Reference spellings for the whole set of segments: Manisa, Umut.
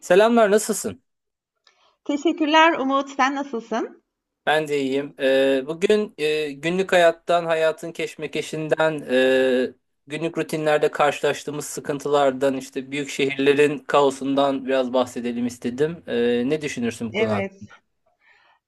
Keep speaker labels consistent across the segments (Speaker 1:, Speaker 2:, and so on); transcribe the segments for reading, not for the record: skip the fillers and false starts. Speaker 1: Selamlar, nasılsın?
Speaker 2: Teşekkürler Umut. Sen nasılsın?
Speaker 1: Ben de iyiyim. Bugün günlük hayattan, hayatın keşmekeşinden, günlük rutinlerde karşılaştığımız sıkıntılardan, işte büyük şehirlerin kaosundan biraz bahsedelim istedim. Ne düşünürsün bu konu
Speaker 2: Evet.
Speaker 1: hakkında?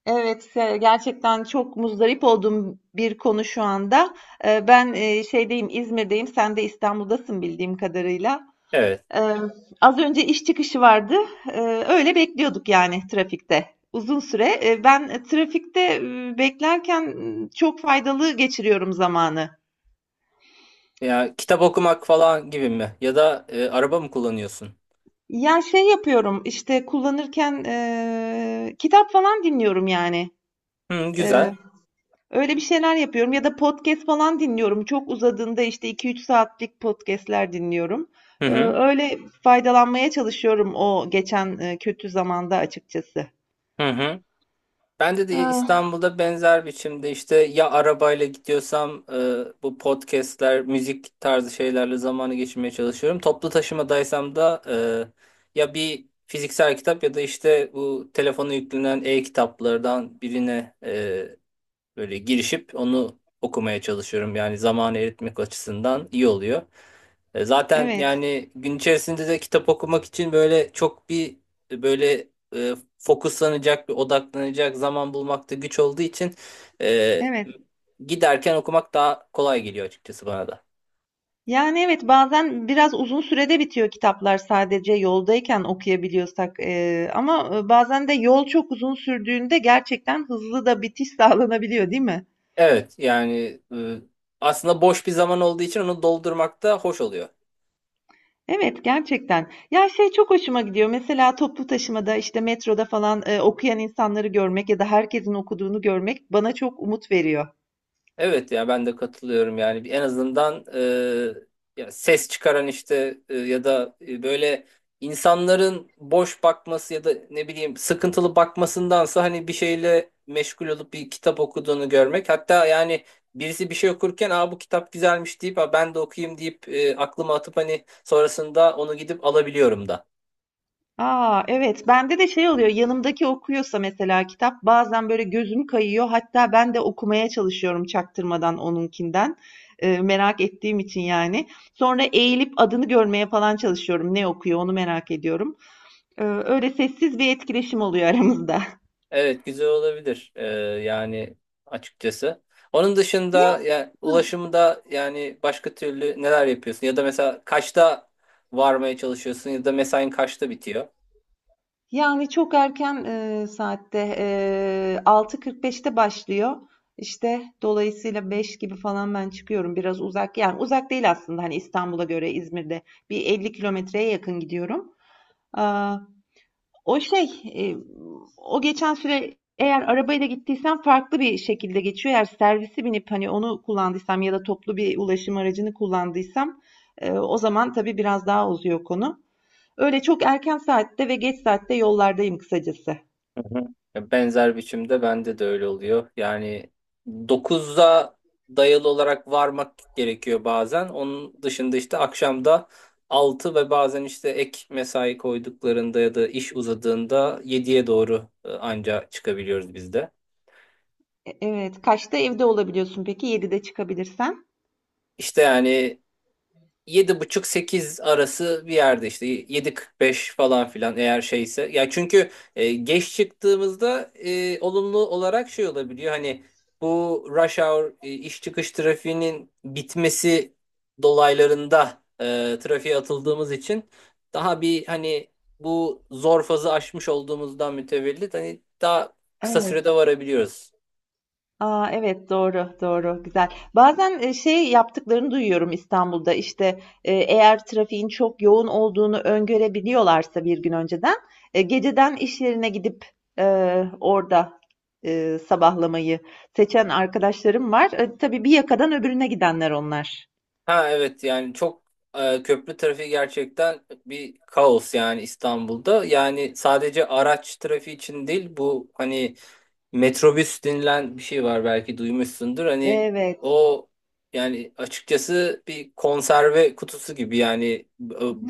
Speaker 2: Evet, gerçekten çok muzdarip olduğum bir konu şu anda. Ben şeydeyim, İzmir'deyim. Sen de İstanbul'dasın bildiğim kadarıyla.
Speaker 1: Evet.
Speaker 2: Emm, az önce iş çıkışı vardı. Öyle bekliyorduk yani trafikte. Uzun süre. Ben trafikte, beklerken, çok faydalı geçiriyorum zamanı.
Speaker 1: Ya kitap okumak falan gibi mi? Ya da araba mı kullanıyorsun?
Speaker 2: Ya, şey yapıyorum, işte, kullanırken, kitap falan dinliyorum yani.
Speaker 1: Hı,
Speaker 2: Eee,
Speaker 1: güzel.
Speaker 2: öyle bir şeyler yapıyorum ya da podcast falan dinliyorum. Çok uzadığında, işte, 2-3 saatlik podcast'ler dinliyorum.
Speaker 1: Hı
Speaker 2: Eee,
Speaker 1: hı.
Speaker 2: öyle faydalanmaya çalışıyorum o geçen, kötü zamanda açıkçası.
Speaker 1: Hı hı. Bende de
Speaker 2: Ah,
Speaker 1: İstanbul'da benzer biçimde işte ya arabayla gidiyorsam bu podcastler, müzik tarzı şeylerle zamanı geçirmeye çalışıyorum. Toplu taşımadaysam da ya bir fiziksel kitap ya da işte bu telefona yüklenen e-kitaplardan birine böyle girişip onu okumaya çalışıyorum. Yani zamanı eritmek açısından iyi oluyor. Zaten
Speaker 2: evet,
Speaker 1: yani gün içerisinde de kitap okumak için böyle çok bir e, böyle fokuslanacak bir odaklanacak zaman bulmakta güç olduğu için e,
Speaker 2: evet.
Speaker 1: giderken okumak daha kolay geliyor açıkçası bana da.
Speaker 2: Yani evet bazen biraz uzun sürede bitiyor kitaplar sadece yoldayken okuyabiliyorsak ama bazen de yol çok uzun sürdüğünde gerçekten hızlı da bitiş sağlanabiliyor değil mi?
Speaker 1: Evet yani aslında boş bir zaman olduğu için onu doldurmak da hoş oluyor.
Speaker 2: Evet gerçekten. Ya şey çok hoşuma gidiyor. Mesela toplu taşımada işte metroda falan okuyan insanları görmek ya da herkesin okuduğunu görmek bana çok umut veriyor.
Speaker 1: Evet ya ben de katılıyorum yani en azından ya ses çıkaran işte ya da böyle insanların boş bakması ya da ne bileyim sıkıntılı bakmasındansa hani bir şeyle meşgul olup bir kitap okuduğunu görmek hatta yani birisi bir şey okurken aa bu kitap güzelmiş deyip "Aa, ben de okuyayım" deyip aklıma atıp hani sonrasında onu gidip alabiliyorum da.
Speaker 2: Aa, evet. Bende de şey oluyor. Yanımdaki okuyorsa mesela kitap bazen böyle gözüm kayıyor. Hatta ben de okumaya çalışıyorum çaktırmadan onunkinden. Merak ettiğim için yani. Sonra eğilip adını görmeye falan çalışıyorum. Ne okuyor onu merak ediyorum. Öyle sessiz bir etkileşim oluyor aramızda.
Speaker 1: Evet güzel olabilir. Yani Açıkçası. Onun dışında ya
Speaker 2: Ne?
Speaker 1: ulaşımda yani başka türlü neler yapıyorsun ya da mesela kaçta varmaya çalışıyorsun ya da mesain kaçta bitiyor?
Speaker 2: Yani çok erken, saatte, 6:45'te başlıyor. İşte, dolayısıyla 5 gibi falan ben çıkıyorum. Biraz uzak, yani uzak değil aslında, hani, İstanbul'a göre İzmir'de bir 50 kilometreye yakın gidiyorum. Aaa, o şey, o geçen süre eğer arabayla gittiysem farklı bir şekilde geçiyor. Eğer servisi binip, hani, onu kullandıysam ya da toplu bir ulaşım aracını kullandıysam, o zaman tabii biraz daha uzuyor konu. Öyle çok erken saatte ve geç saatte yollardayım kısacası.
Speaker 1: Hı hı. Ya benzer biçimde bende de öyle oluyor. Yani dokuzda dayalı olarak varmak gerekiyor bazen. Onun dışında işte akşamda 6 ve bazen işte ek mesai koyduklarında ya da iş uzadığında yediye doğru anca çıkabiliyoruz biz de.
Speaker 2: Evet, kaçta evde olabiliyorsun peki? 7'de çıkabilirsen?
Speaker 1: İşte yani yedi buçuk sekiz arası bir yerde, işte yedi kırk beş falan filan eğer şeyse. Ya çünkü geç çıktığımızda olumlu olarak şey olabiliyor. Hani bu rush hour iş çıkış trafiğinin bitmesi dolaylarında trafiğe atıldığımız için daha bir hani bu zor fazı aşmış olduğumuzdan mütevellit hani daha kısa sürede
Speaker 2: Evet.
Speaker 1: varabiliyoruz.
Speaker 2: Aa, evet doğru doğru güzel. Bazen şey yaptıklarını duyuyorum İstanbul'da işte eğer trafiğin çok yoğun olduğunu öngörebiliyorlarsa bir gün önceden geceden iş yerine gidip e, orada sabahlamayı seçen arkadaşlarım var. Tabii bir yakadan öbürüne gidenler onlar.
Speaker 1: Ha evet yani çok köprü trafiği gerçekten bir kaos yani İstanbul'da. Yani sadece araç trafiği için değil bu, hani metrobüs denilen bir şey var, belki duymuşsundur. Hani
Speaker 2: Evet.
Speaker 1: o, yani açıkçası bir konserve kutusu gibi yani,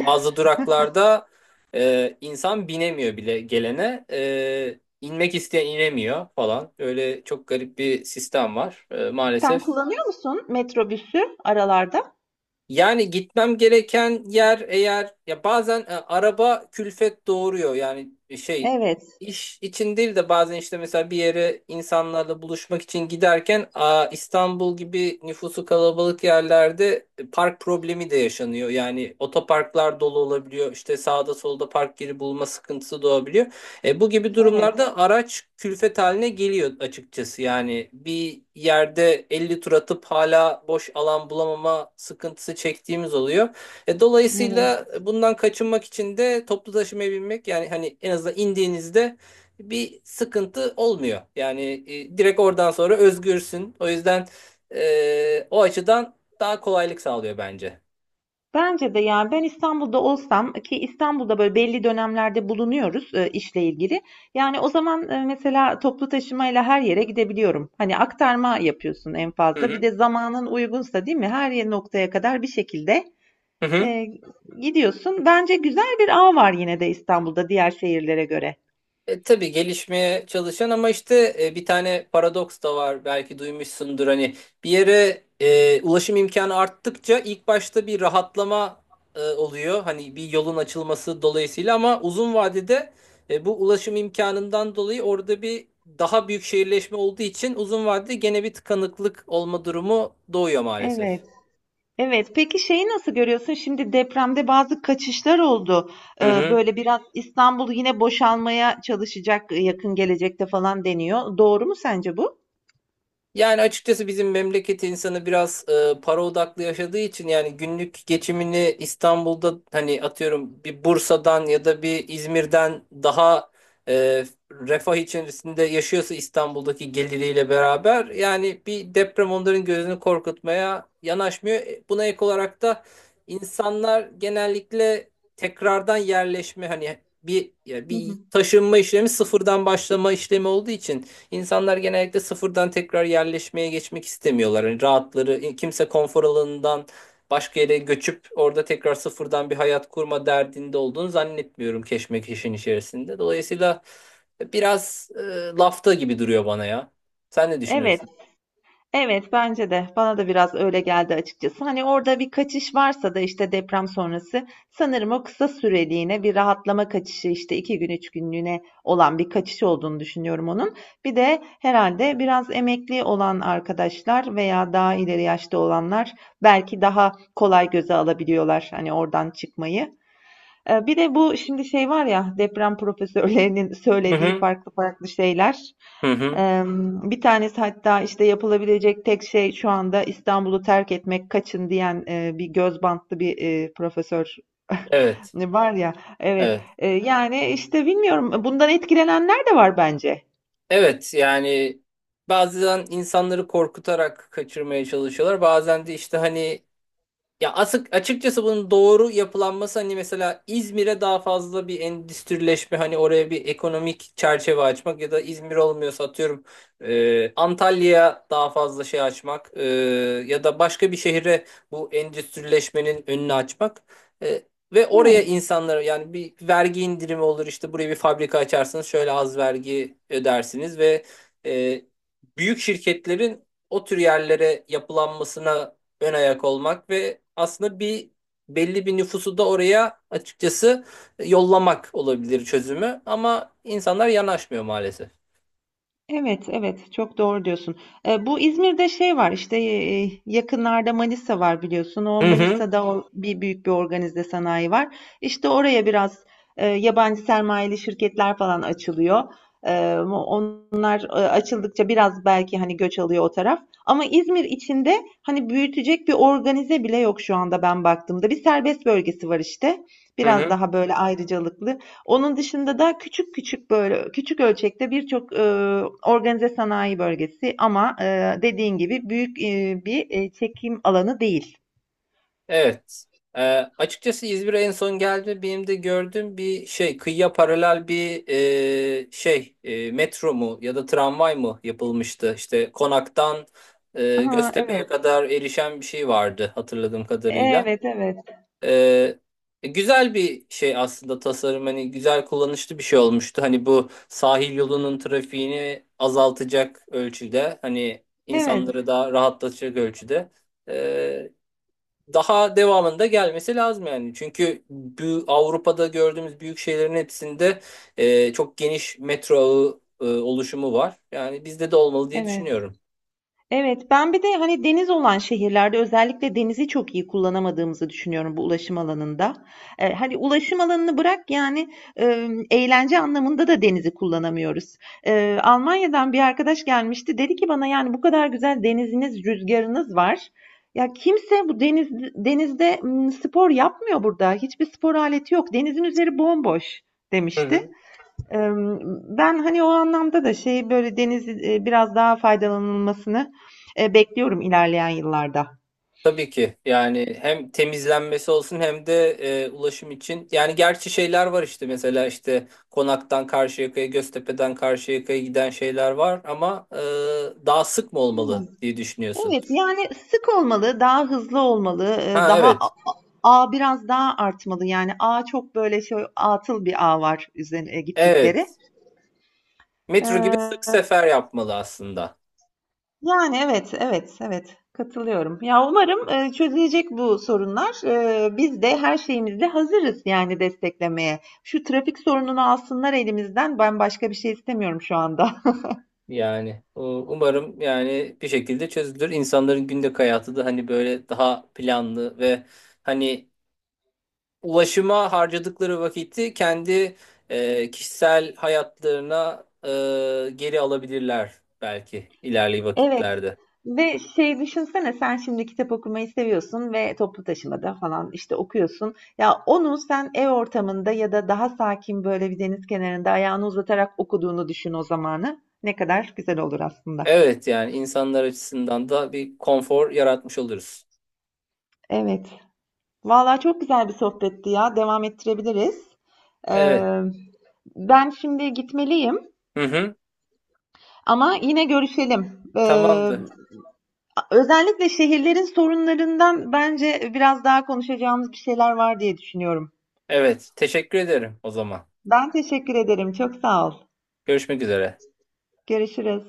Speaker 1: bazı duraklarda insan binemiyor bile gelene. E, inmek isteyen inemiyor falan. Öyle çok garip bir sistem var. E,
Speaker 2: Sen
Speaker 1: maalesef.
Speaker 2: kullanıyor musun metrobüsü aralarda?
Speaker 1: Yani gitmem gereken yer eğer, ya bazen araba külfet doğuruyor yani,
Speaker 2: Evet,
Speaker 1: iş için değil de bazen işte mesela bir yere insanlarla buluşmak için giderken a, İstanbul gibi nüfusu kalabalık yerlerde park problemi de yaşanıyor. Yani otoparklar dolu olabiliyor, işte sağda solda park yeri bulma sıkıntısı doğabiliyor. Bu gibi
Speaker 2: evet,
Speaker 1: durumlarda araç külfet haline geliyor açıkçası. Yani bir yerde 50 tur atıp hala boş alan bulamama sıkıntısı çektiğimiz oluyor.
Speaker 2: evet.
Speaker 1: Dolayısıyla bundan kaçınmak için de toplu taşımaya binmek yani, hani en azından indiğinizde bir sıkıntı olmuyor. Yani direkt oradan sonra özgürsün. O yüzden o açıdan daha kolaylık sağlıyor bence.
Speaker 2: Bence de yani ben İstanbul'da olsam ki İstanbul'da böyle belli dönemlerde bulunuyoruz işle ilgili. Yani o zaman mesela toplu taşımayla her yere gidebiliyorum. Hani aktarma yapıyorsun en
Speaker 1: Hı
Speaker 2: fazla. Bir
Speaker 1: hı.
Speaker 2: de zamanın uygunsa değil mi? Noktaya kadar bir şekilde
Speaker 1: Hı hı.
Speaker 2: e, gidiyorsun. Bence güzel bir ağ var yine de İstanbul'da diğer şehirlere göre.
Speaker 1: E, tabii gelişmeye çalışan, ama işte bir tane paradoks da var, belki duymuşsundur. Hani bir yere ulaşım imkanı arttıkça ilk başta bir rahatlama oluyor, hani bir yolun açılması dolayısıyla, ama uzun vadede bu ulaşım imkanından dolayı orada bir daha büyük şehirleşme olduğu için uzun vadede gene bir tıkanıklık olma durumu doğuyor maalesef.
Speaker 2: Evet. Evet, peki şeyi nasıl görüyorsun? Şimdi depremde bazı kaçışlar oldu.
Speaker 1: Hı
Speaker 2: Ee,
Speaker 1: hı.
Speaker 2: böyle biraz İstanbul yine boşalmaya çalışacak yakın gelecekte falan deniyor. Doğru mu sence bu?
Speaker 1: Yani açıkçası bizim memleket insanı biraz para odaklı yaşadığı için, yani günlük geçimini İstanbul'da hani atıyorum bir Bursa'dan ya da bir İzmir'den daha e, refah içerisinde yaşıyorsa İstanbul'daki geliriyle beraber, yani bir deprem onların gözünü korkutmaya yanaşmıyor. E, buna ek olarak da insanlar genellikle tekrardan yerleşme, hani bir ya
Speaker 2: Hı
Speaker 1: bir
Speaker 2: hı.
Speaker 1: taşınma işlemi, sıfırdan başlama işlemi olduğu için İnsanlar genellikle sıfırdan tekrar yerleşmeye geçmek istemiyorlar. Hani rahatları, kimse konfor alanından başka yere göçüp orada tekrar sıfırdan bir hayat kurma derdinde olduğunu zannetmiyorum keşmekeşin içerisinde. Dolayısıyla biraz lafta gibi duruyor bana ya. Sen ne
Speaker 2: Evet.
Speaker 1: düşünüyorsun?
Speaker 2: Evet, bence de. Bana da biraz öyle geldi açıkçası. Hani orada bir kaçış varsa da işte deprem sonrası sanırım o kısa süreliğine bir rahatlama kaçışı işte 2 gün 3 günlüğüne olan bir kaçış olduğunu düşünüyorum onun. Bir de herhalde biraz emekli olan arkadaşlar veya daha ileri yaşta olanlar belki daha kolay göze alabiliyorlar hani oradan çıkmayı. Bir de bu şimdi şey var ya deprem profesörlerinin
Speaker 1: Hı
Speaker 2: söylediği
Speaker 1: hı.
Speaker 2: farklı farklı şeyler.
Speaker 1: Hı hı.
Speaker 2: Ee, Bir tanesi hatta işte yapılabilecek tek şey şu anda İstanbul'u terk etmek kaçın diyen bir göz bantlı bir profesör
Speaker 1: Evet.
Speaker 2: var ya. Evet.
Speaker 1: Evet.
Speaker 2: Yani işte bilmiyorum bundan etkilenenler de var bence.
Speaker 1: Evet yani bazen insanları korkutarak kaçırmaya çalışıyorlar. Bazen de işte hani ya asık açıkçası bunun doğru yapılanması, hani mesela İzmir'e daha fazla bir endüstrileşme, hani oraya bir ekonomik çerçeve açmak ya da İzmir olmuyorsa atıyorum Antalya'ya daha fazla şey açmak, ya da başka bir şehre bu endüstrileşmenin önünü açmak. E, Ve oraya
Speaker 2: Evet.
Speaker 1: insanlara yani bir vergi indirimi olur, işte buraya bir fabrika açarsınız şöyle az vergi ödersiniz ve e, büyük şirketlerin o tür yerlere yapılanmasına ön ayak olmak ve aslında bir belli bir nüfusu da oraya açıkçası yollamak olabilir çözümü, ama insanlar yanaşmıyor maalesef.
Speaker 2: Evet, evet. Çok doğru diyorsun. Bu İzmir'de şey var işte yakınlarda Manisa var biliyorsun. O
Speaker 1: Hı hı,
Speaker 2: Manisa'da o bir büyük bir organize sanayi var. İşte oraya biraz yabancı sermayeli şirketler falan açılıyor. Onlar açıldıkça biraz belki hani göç alıyor o taraf. Ama İzmir içinde hani büyütecek bir organize bile yok şu anda ben baktığımda. Bir serbest bölgesi var işte.
Speaker 1: hı
Speaker 2: Biraz
Speaker 1: hı.
Speaker 2: daha böyle ayrıcalıklı. Onun dışında da küçük küçük böyle küçük ölçekte birçok organize sanayi bölgesi ama dediğin gibi büyük bir çekim alanı değil.
Speaker 1: Evet. Ee, Açıkçası İzmir'e en son geldi. Benim de gördüğüm bir şey, kıyıya paralel bir metro mu ya da tramvay mı yapılmıştı? İşte Konak'tan
Speaker 2: Aha,
Speaker 1: Göztepe'ye
Speaker 2: evet.
Speaker 1: kadar erişen bir şey vardı hatırladığım kadarıyla.
Speaker 2: Evet, evet.
Speaker 1: Ee, Güzel bir şey aslında tasarım, hani güzel kullanışlı bir şey olmuştu. Hani bu sahil yolunun trafiğini azaltacak ölçüde, hani
Speaker 2: Evet,
Speaker 1: insanları daha rahatlatacak ölçüde. Ee, Daha devamında gelmesi lazım yani. Çünkü bu Avrupa'da gördüğümüz büyük şehirlerin hepsinde çok geniş metro ağı oluşumu var. Yani bizde de olmalı diye
Speaker 2: evet.
Speaker 1: düşünüyorum.
Speaker 2: Evet, ben bir de hani deniz olan şehirlerde özellikle denizi çok iyi kullanamadığımızı düşünüyorum bu ulaşım alanında. Hani ulaşım alanını bırak yani eğlence anlamında da denizi kullanamıyoruz. Almanya'dan bir arkadaş gelmişti dedi ki bana yani bu kadar güzel deniziniz, rüzgarınız var. Ya kimse bu denizde spor yapmıyor burada. Hiçbir spor aleti yok. Denizin üzeri bomboş
Speaker 1: Hı
Speaker 2: demişti
Speaker 1: hı.
Speaker 2: ben, hani, o anlamda da şeyi, böyle, deniz biraz daha faydalanılmasını, bekliyorum ilerleyen yıllarda.
Speaker 1: Tabii ki yani hem temizlenmesi olsun hem de ulaşım için, yani gerçi şeyler var, işte mesela işte Konak'tan Karşıyaka'ya, Göztepe'den Karşıyaka'ya giden şeyler var, ama daha sık mı olmalı diye düşünüyorsun.
Speaker 2: Evet, yani, sık olmalı, daha hızlı olmalı,
Speaker 1: Ha
Speaker 2: daha
Speaker 1: evet,
Speaker 2: ağ biraz daha artmalı. Yani, ağa çok, böyle, şey atıl bir ağ var üzerine gittikleri.
Speaker 1: evet, metro gibi sık
Speaker 2: Eee
Speaker 1: sefer yapmalı aslında
Speaker 2: Yani, evet, evet, evet. Katılıyorum. Ya, umarım, çözülecek bu sorunlar. Biz de her şeyimizle hazırız yani desteklemeye. Şu trafik sorununu alsınlar elimizden. Ben başka bir şey istemiyorum şu anda.
Speaker 1: yani umarım yani bir şekilde çözülür, insanların günlük hayatı da hani böyle daha planlı ve hani ulaşıma harcadıkları vakiti kendi kişisel hayatlarına geri alabilirler belki ilerli
Speaker 2: Evet
Speaker 1: vakitlerde.
Speaker 2: ve şey düşünsene sen şimdi kitap okumayı seviyorsun ve toplu taşımada falan, işte, okuyorsun. Ya, onu sen ev ortamında ya da daha sakin, böyle, bir deniz kenarında ayağını uzatarak okuduğunu düşün o zamanı. Ne kadar güzel olur aslında.
Speaker 1: Evet yani insanlar açısından da bir konfor yaratmış oluruz.
Speaker 2: Evet. Vallahi çok güzel bir sohbetti ya. Devam ettirebiliriz.
Speaker 1: Evet.
Speaker 2: Ee, ben şimdi gitmeliyim
Speaker 1: Hı hı.
Speaker 2: ama yine görüşelim. Ee,
Speaker 1: Tamamdır.
Speaker 2: özellikle şehirlerin sorunlarından bence biraz daha konuşacağımız bir şeyler var diye düşünüyorum.
Speaker 1: Evet. Teşekkür ederim o zaman.
Speaker 2: Ben teşekkür ederim. Çok sağ ol.
Speaker 1: Görüşmek üzere.
Speaker 2: Görüşürüz.